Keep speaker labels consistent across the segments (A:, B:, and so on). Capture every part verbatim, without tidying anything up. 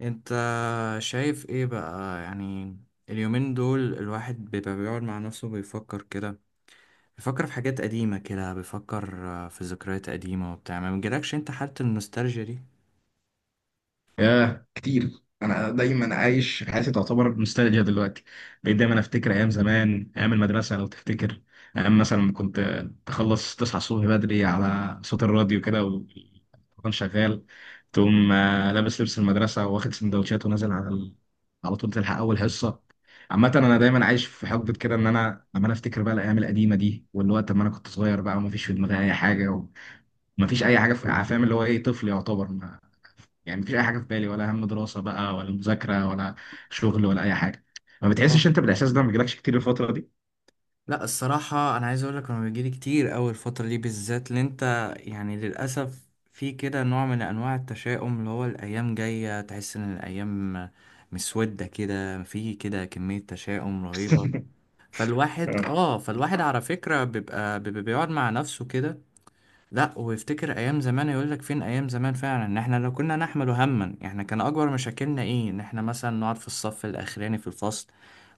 A: انت شايف ايه بقى يعني؟ اليومين دول الواحد بيبقى بيقعد مع نفسه بيفكر كده، بيفكر في حاجات قديمة كده، بيفكر آه، في ذكريات قديمة وبتاع. ما بيجيلكش انت حالة النوستالجيا دي؟
B: ياه كتير. انا دايما عايش حياتي تعتبر نوستالجيا دلوقتي. بقيت دايما افتكر ايام زمان، ايام المدرسه لو تفتكر. ايام مثلا لما كنت تخلص تصحى الصبح بدري على صوت الراديو كده والتليفون شغال. تقوم آه، لابس لبس المدرسه واخد سندوتشات ونازل على ال... على طول تلحق اول حصه. عامة أنا دايما عايش في حقبة كده، إن أنا لما أنا أفتكر بقى الأيام القديمة دي واللي هو لما أنا كنت صغير بقى ومفيش في دماغي أي حاجة. ومفيش أي حاجة في، فاهم اللي هو إيه، طفل يعتبر. يعني مفيش اي حاجه في بالي، ولا هم دراسه بقى ولا مذاكره ولا شغل ولا اي حاجه. ما بتحسش
A: مم.
B: انت بالاحساس ده؟ ما بيجيلكش كتير الفتره دي؟
A: لا الصراحة أنا عايز أقولك أنا بيجيلي كتير أوي الفترة دي بالذات، اللي أنت يعني للأسف في كده نوع من أنواع التشاؤم، اللي هو الأيام جاية تحس إن الأيام مسودة كده، في كده كمية تشاؤم رهيبة. فالواحد
B: آه.
A: اه فالواحد على فكرة بيبقى بيبقى بيقعد مع نفسه كده، لا ويفتكر ايام زمان، يقول لك فين ايام زمان فعلا. ان احنا لو كنا نحمل هما، احنا كان اكبر مشاكلنا ايه؟ ان احنا مثلا نقعد في الصف الاخراني في الفصل،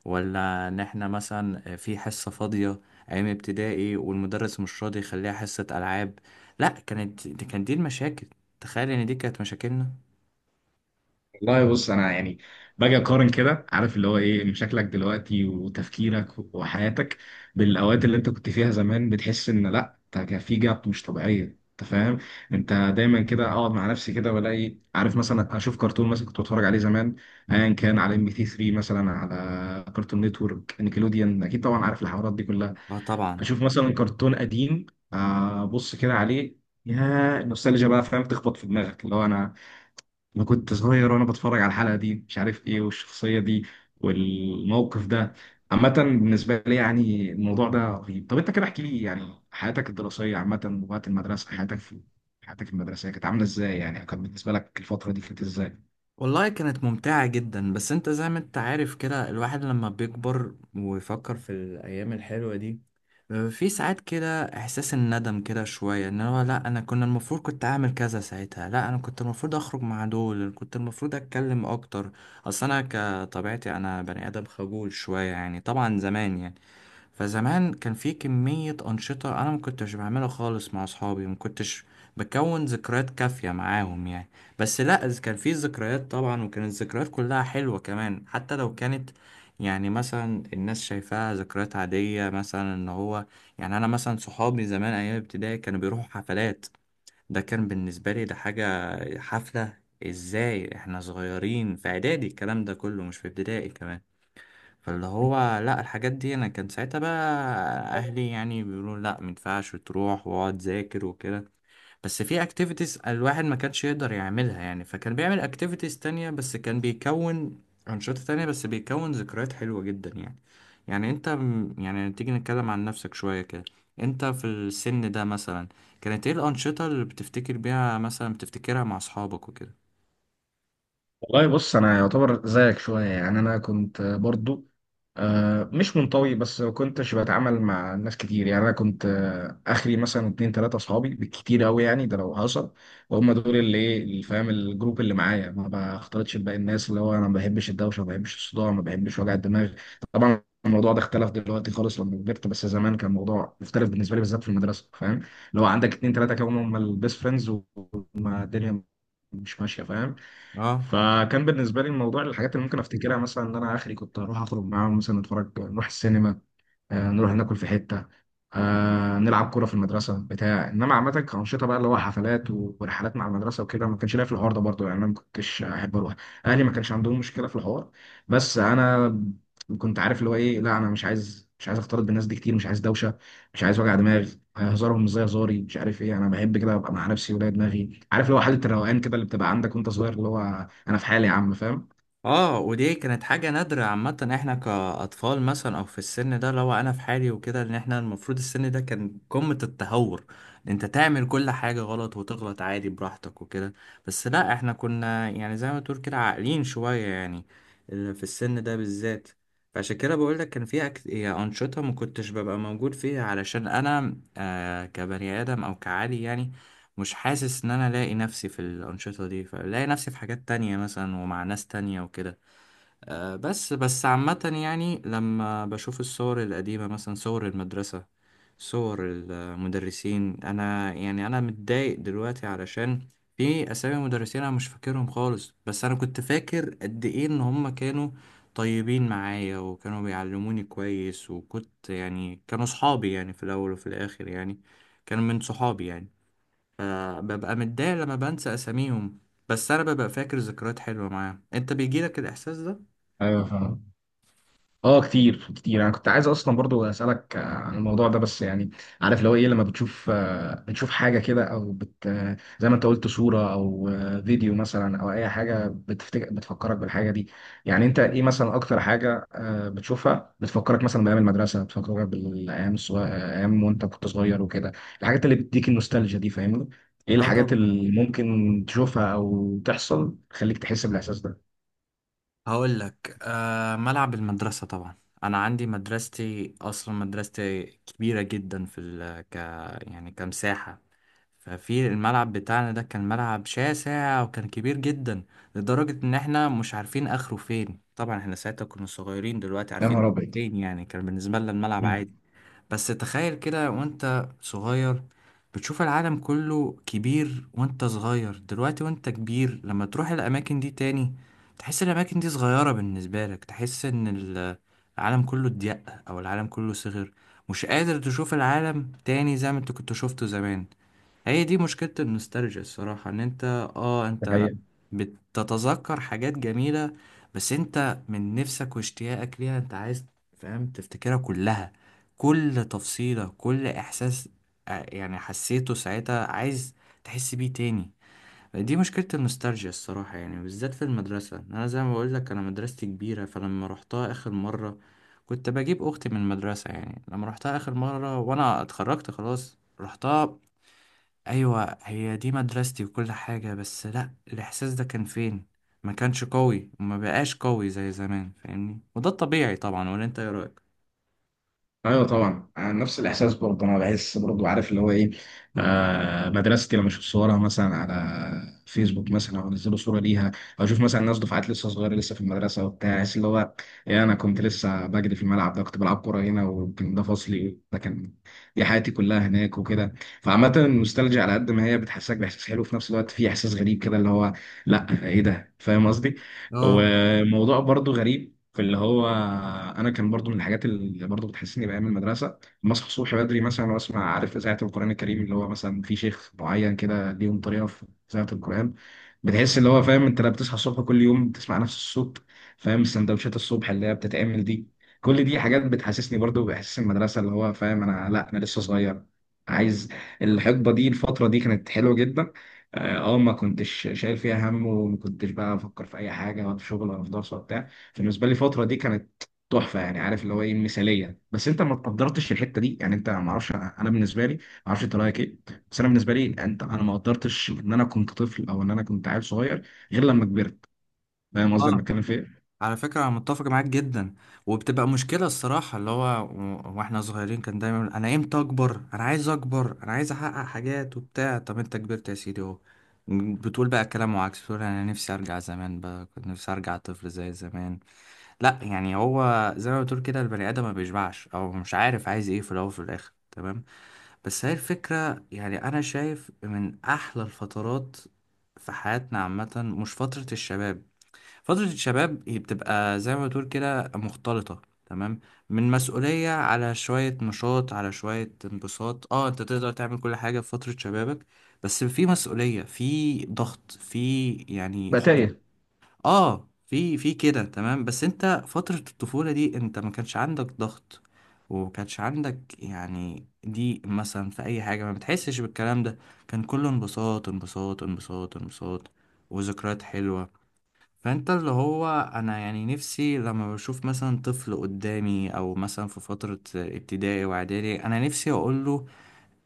A: ولا ان احنا مثلا في حصة فاضية ايام ابتدائي والمدرس مش راضي يخليها حصة العاب. لا كانت دي كانت دي المشاكل، تخيل ان دي كانت مشاكلنا.
B: والله بص انا يعني باجي اقارن كده، عارف اللي هو ايه، شكلك دلوقتي وتفكيرك وحياتك بالاوقات اللي انت كنت فيها زمان. بتحس ان لا، انت كان في جاب مش طبيعيه، انت فاهم. انت دايما كده اقعد مع نفسي كده والاقي، عارف، مثلا اشوف كرتون مثلا كنت بتفرج عليه زمان، ايا كان، على ام بي تي ثري مثلا، على كرتون نتورك، نيكلوديان، اكيد طبعا عارف الحوارات دي كلها.
A: اه طبعا.
B: اشوف مثلا كرتون قديم، آه، ابص كده عليه، يا نوستالجيا بقى، فاهم، تخبط في دماغك اللي هو انا انا كنت صغير وانا بتفرج على الحلقه دي، مش عارف ايه، والشخصيه دي والموقف ده. عامة بالنسبة لي يعني الموضوع ده رهيب. طب انت كده احكي لي يعني حياتك الدراسية عامة وقت المدرسة، حياتك في حياتك المدرسية كانت عاملة ازاي؟ يعني كانت بالنسبة لك الفترة دي كانت ازاي؟
A: والله كانت ممتعة جدا، بس انت زي ما انت عارف كده الواحد لما بيكبر ويفكر في الأيام الحلوة دي، آه، في ساعات كده إحساس الندم كده شوية، ان هو لا أنا كنا المفروض كنت أعمل كذا ساعتها، لا أنا كنت المفروض أخرج مع دول، كنت المفروض أتكلم أكتر. أصل أنا كطبيعتي أنا بني آدم خجول شوية يعني، طبعا زمان يعني. فزمان كان في كمية أنشطة أنا ما كنتش بعملها خالص مع أصحابي، ما كنتش بكون ذكريات كافية معاهم يعني. بس لأ، إذ كان في ذكريات طبعا، وكانت الذكريات كلها حلوة كمان، حتى لو كانت يعني مثلا الناس شايفاها ذكريات عادية، مثلا إن هو يعني أنا مثلا صحابي زمان أيام ابتدائي كانوا بيروحوا حفلات. ده كان بالنسبة لي ده حاجة، حفلة إزاي إحنا صغيرين في إعدادي؟ الكلام ده كله مش في ابتدائي كمان. فاللي هو لا الحاجات دي انا كان ساعتها بقى اهلي يعني بيقولوا لا مينفعش تروح، واقعد ذاكر وكده. بس في اكتيفيتيز الواحد ما كانش يقدر يعملها يعني، فكان بيعمل اكتيفيتيز تانية، بس كان بيكون انشطة تانية، بس بيكون ذكريات حلوة جدا يعني. يعني انت م- يعني تيجي نتكلم عن نفسك شوية كده، انت في السن ده مثلا كانت ايه الانشطة اللي بتفتكر بيها مثلا، بتفتكرها مع اصحابك وكده؟
B: والله بص انا يعتبر زيك شويه، يعني انا كنت برضو آه، مش منطوي، بس ما كنتش بتعامل مع ناس كتير. يعني انا كنت آه، اخري مثلا اتنين تلاته اصحابي بالكتير قوي يعني، ده لو حصل. وهم دول اللي، ايه اللي، فاهم، الجروب اللي معايا، ما بختلطش بباقي الناس. اللي هو انا ما بحبش الدوشه، ما بحبش الصداع، ما بحبش وجع الدماغ. طبعا الموضوع ده اختلف دلوقتي خالص لما كبرت، بس زمان كان الموضوع مختلف بالنسبه لي بالذات في المدرسه، فاهم. اللي هو عندك اتنين تلاته كانوا هم البيست فريندز والدنيا مش ماشيه، فاهم.
A: اه.
B: فكان بالنسبه لي الموضوع، الحاجات اللي ممكن افتكرها مثلا ان انا اخري كنت اروح اخرج معاهم، مثلا اتفرج نروح السينما، آه، نروح ناكل في حتة، آه، نلعب كورة في المدرسة بتاع. إنما عامة كأنشطة بقى اللي هو حفلات و- ورحلات مع المدرسة وكده، ما كانش ليا في الحوار ده برضه. يعني أنا ما كنتش أحب أروح. أهلي ما كانش عندهم مشكلة في الحوار، بس أنا كنت عارف اللي هو إيه، لا أنا مش عايز مش عايز أختلط بالناس دي كتير، مش عايز دوشة، مش عايز وجع دماغ. هزارهم مش زي هزاري، مش عارف إيه، أنا بحب كده أبقى مع نفسي ولا دماغي، عارف اللي هو حالة الروقان كده اللي بتبقى عندك وأنت صغير، اللي هو أنا في حالي يا عم، فاهم؟
A: اه ودي كانت حاجة نادرة. عامة احنا كأطفال مثلا او في السن ده، لو انا في حالي وكده، ان احنا المفروض السن ده كان قمة التهور، إن انت تعمل كل حاجة غلط وتغلط عادي براحتك وكده. بس لا احنا كنا يعني زي ما تقول كده عاقلين شوية يعني، ال- في السن ده بالذات. فعشان كده بقول لك كان في أكت... يعني أنشطة ما كنتش ببقى موجود فيها، علشان أنا آه كبني آدم أو كعادي يعني مش حاسس إن أنا لاقي نفسي في الأنشطة دي، فلاقي نفسي في حاجات تانية مثلا ومع ناس تانية وكده. آه، بس بس عامة يعني لما بشوف الصور القديمة مثلا، صور المدرسة، صور المدرسين، أنا يعني أنا متضايق دلوقتي علشان في أسامي مدرسين أنا مش فاكرهم خالص، بس أنا كنت فاكر قد إيه إن هما كانوا طيبين معايا، وكانوا بيعلموني كويس، وكنت يعني كانوا صحابي يعني في الأول وفي الآخر يعني، كانوا من صحابي يعني. فببقى متضايق لما بنسى أساميهم، بس أنا ببقى فاكر ذكريات حلوة معاهم. أنت بيجيلك الإحساس ده؟
B: ايوه فاهم. اه كتير كتير، انا كنت عايز اصلا برضو اسالك آه، عن الموضوع ده، بس يعني عارف اللي هو ايه، لما بتشوف آه، بتشوف حاجه كده، او بت آه، زي ما انت قلت صوره او آه، فيديو مثلا، او اي حاجه بتفتكر بتفكرك بالحاجه دي. يعني انت ايه مثلا اكتر حاجه آه، بتشوفها بتفكرك مثلا بايام المدرسه، بتفكرك بالايام الصغير، ايام وانت كنت صغير وكده، الحاجات اللي بتديك النوستالجيا دي، فاهمني؟ ايه
A: اه
B: الحاجات
A: طبعا.
B: اللي ممكن تشوفها او تحصل تخليك تحس بالاحساس ده؟
A: هقول لك آه، ملعب المدرسة طبعا. انا عندي مدرستي اصلا مدرستي كبيرة جدا في ال ك، يعني كمساحة. ففي الملعب بتاعنا ده كان ملعب شاسع وكان كبير جدا، لدرجة ان احنا مش عارفين اخره فين. طبعا احنا ساعتها كنا صغيرين، دلوقتي
B: يا
A: عارفين
B: نهار ابيض.
A: فين يعني، كان بالنسبة لنا الملعب
B: مم.
A: عادي. بس تخيل كده وانت صغير، بتشوف العالم كله كبير وانت صغير، دلوقتي وانت كبير لما تروح الأماكن دي تاني، تحس الأماكن دي صغيرة بالنسبة لك، تحس إن ال- العالم كله ضيق، أو العالم كله صغير، مش قادر تشوف العالم تاني زي ما انت كنت شفته زمان. هي دي مشكلة النوستالجيا الصراحة، ان انت اه
B: ده
A: انت
B: حقيقة.
A: بتتذكر حاجات جميلة، بس انت من نفسك واشتياقك ليها انت عايز، فاهم، تفتكرها كلها، كل تفصيلة، كل احساس اه، يعني حسيته ساعتها، عايز تحس بيه تاني. دي مشكلة النوستالجيا الصراحة، يعني بالذات في المدرسة انا زي ما بقولك انا مدرستي كبيرة، فلما روحتها اخر مرة، كنت بجيب اختي من المدرسة يعني، لما روحتها اخر مرة وانا اتخرجت خلاص، رحتها، ايوه هي دي مدرستي وكل حاجة، بس لا الاحساس ده كان فين، ما كانش قوي وما بقاش قوي زي زمان، فاهمني؟ وده الطبيعي طبعا، ولا انت ايه رأيك؟
B: ايوه طبعا، أنا نفس الاحساس برضه. انا بحس برضه، عارف اللي هو ايه، آه مدرستي لما اشوف صورها مثلا على فيسبوك، مثلا او انزلوا صوره ليها، او اشوف مثلا ناس دفعات لسه صغيره لسه في المدرسه وبتاع، احس اللي هو ايه، انا كنت لسه بجري في الملعب ده، كنت بلعب كوره هنا، وكان ده فصلي، ده كان دي حياتي كلها هناك وكده. فعامه النوستالجيا على قد ما هي بتحسسك باحساس حلو، في نفس الوقت في احساس غريب كده اللي هو لا ايه ده، فاهم قصدي.
A: اه.
B: وموضوع برضه غريب. فاللي هو انا كان برضو من الحاجات اللي برضو بتحسسني بايام المدرسه، لما اصحى الصبح بدري مثلا واسمع، عارف، اذاعه القران الكريم اللي هو مثلا في شيخ معين كده ليهم طريقه في اذاعه القران، بتحس اللي هو، فاهم، انت لما بتصحى الصبح كل يوم بتسمع نفس الصوت، فاهم. السندوتشات الصبح اللي هي بتتعمل دي، كل دي حاجات بتحسسني برضو باحساس المدرسه، اللي هو فاهم، انا لا انا لسه صغير، عايز الحقبه دي الفتره دي كانت حلوه جدا. اه آه، ما كنتش شايل فيها هم، وما كنتش بقى افكر في اي حاجه، ولا في شغل ولا في دراسه وبتاع. بالنسبه لي الفتره دي كانت تحفه يعني، عارف اللي هو ايه، مثاليه، بس انت ما قدرتش الحته دي يعني، انت ما اعرفش، انا بالنسبه لي، ما اعرفش انت رايك ايه، بس انا بالنسبه لي يعني، انت انا ما قدرتش ان انا كنت طفل او ان انا كنت عيل صغير غير لما كبرت، فاهم قصدي انا
A: اه
B: بتكلم في ايه؟
A: على فكرة انا متفق معاك جدا. وبتبقى مشكلة الصراحة، اللي هو و- واحنا صغيرين كان دايما يقول انا امتى اكبر، انا عايز اكبر، انا عايز احقق حاجات وبتاع، طب انت كبرت يا سيدي اهو، بتقول بقى كلام وعكس، بتقول انا نفسي ارجع زمان بقى، كنت نفسي ارجع طفل زي زمان. لا يعني هو زي ما بتقول كده البني ادم ما بيشبعش، او مش عارف عايز ايه في الاول وفي الاخر، تمام. بس هي الفكره، يعني انا شايف من احلى الفترات في حياتنا عامه، مش فتره الشباب. فتره الشباب هي بتبقى زي ما بتقول كده مختلطه، تمام، من مسؤوليه على شويه نشاط على شويه انبساط، اه انت تقدر تعمل كل حاجه في فتره شبابك، بس في مسؤوليه، في ضغط، في يعني.
B: بقى تايه.
A: اه في في كده، تمام. بس انت فترة الطفولة دي انت ما كانش عندك ضغط، وما كانش عندك يعني ضيق مثلا في اي حاجة، ما بتحسش بالكلام ده، كان كله انبساط انبساط انبساط انبساط وذكريات حلوة. فانت اللي هو انا يعني نفسي لما بشوف مثلا طفل قدامي، او مثلا في فترة ابتدائي واعدادي، انا نفسي اقوله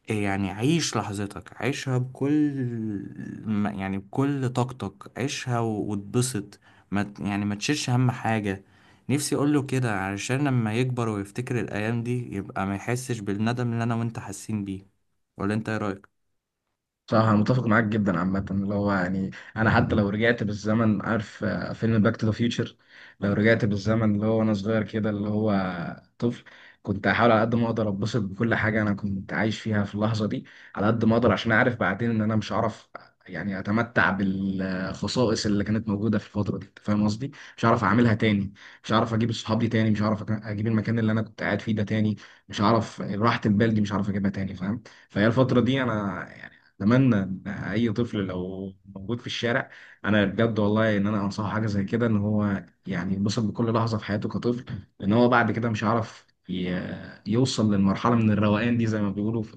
A: يعني عيش لحظتك، عيشها بكل ما- يعني بكل طاقتك، عيشها و- واتبسط، ما ت- يعني ما تشيلش هم حاجة. نفسي اقوله كده علشان لما يكبر ويفتكر الايام دي يبقى ما يحسش بالندم اللي انا وانت حاسين بيه، ولا انت ايه
B: صح، انا متفق معاك جدا. عامه اللي هو يعني انا حتى لو رجعت بالزمن، عارف آه، فيلم باك تو ذا فيوتشر، لو رجعت بالزمن اللي هو وانا صغير كده اللي هو طفل، كنت هحاول على قد ما اقدر اتبسط بكل حاجه انا كنت عايش فيها في اللحظه دي، على قد ما اقدر، عشان اعرف بعدين ان انا مش هعرف. يعني اتمتع بالخصائص اللي كانت موجوده في الفتره دي، انت فاهم قصدي، مش هعرف
A: رأيك؟
B: اعملها تاني. مش هعرف اجيب الصحاب دي تاني، مش هعرف اجيب المكان اللي انا كنت قاعد فيه ده تاني، مش هعرف راحه البال دي، مش هعرف اجيبها تاني، فاهم. فهي الفترة دي أنا اتمنى ان اي طفل لو موجود في الشارع، انا بجد والله ان انا انصحه حاجه زي كده، ان هو يعني ينبسط بكل لحظه في حياته كطفل، لان هو بعد كده مش هيعرف ي- يوصل للمرحله من الروقان دي، زي ما بيقولوا، في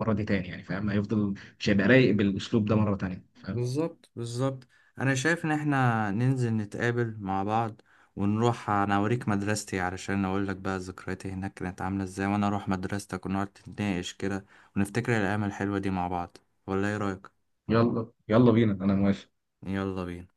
B: المره دي تاني يعني، فاهم، هيفضل مش هيبقى رايق بالاسلوب ده مره تانيه، فاهم.
A: بالظبط بالظبط. انا شايف ان احنا ننزل نتقابل مع بعض، ونروح انا اوريك مدرستي علشان اقول لك بقى ذكرياتي هناك كانت عامله ازاي، وانا اروح مدرستك ونقعد نتناقش كده، ونفتكر الايام الحلوه دي مع بعض، ولا ايه رايك؟
B: يلا يلا بينا، انا موافق.
A: يلا بينا.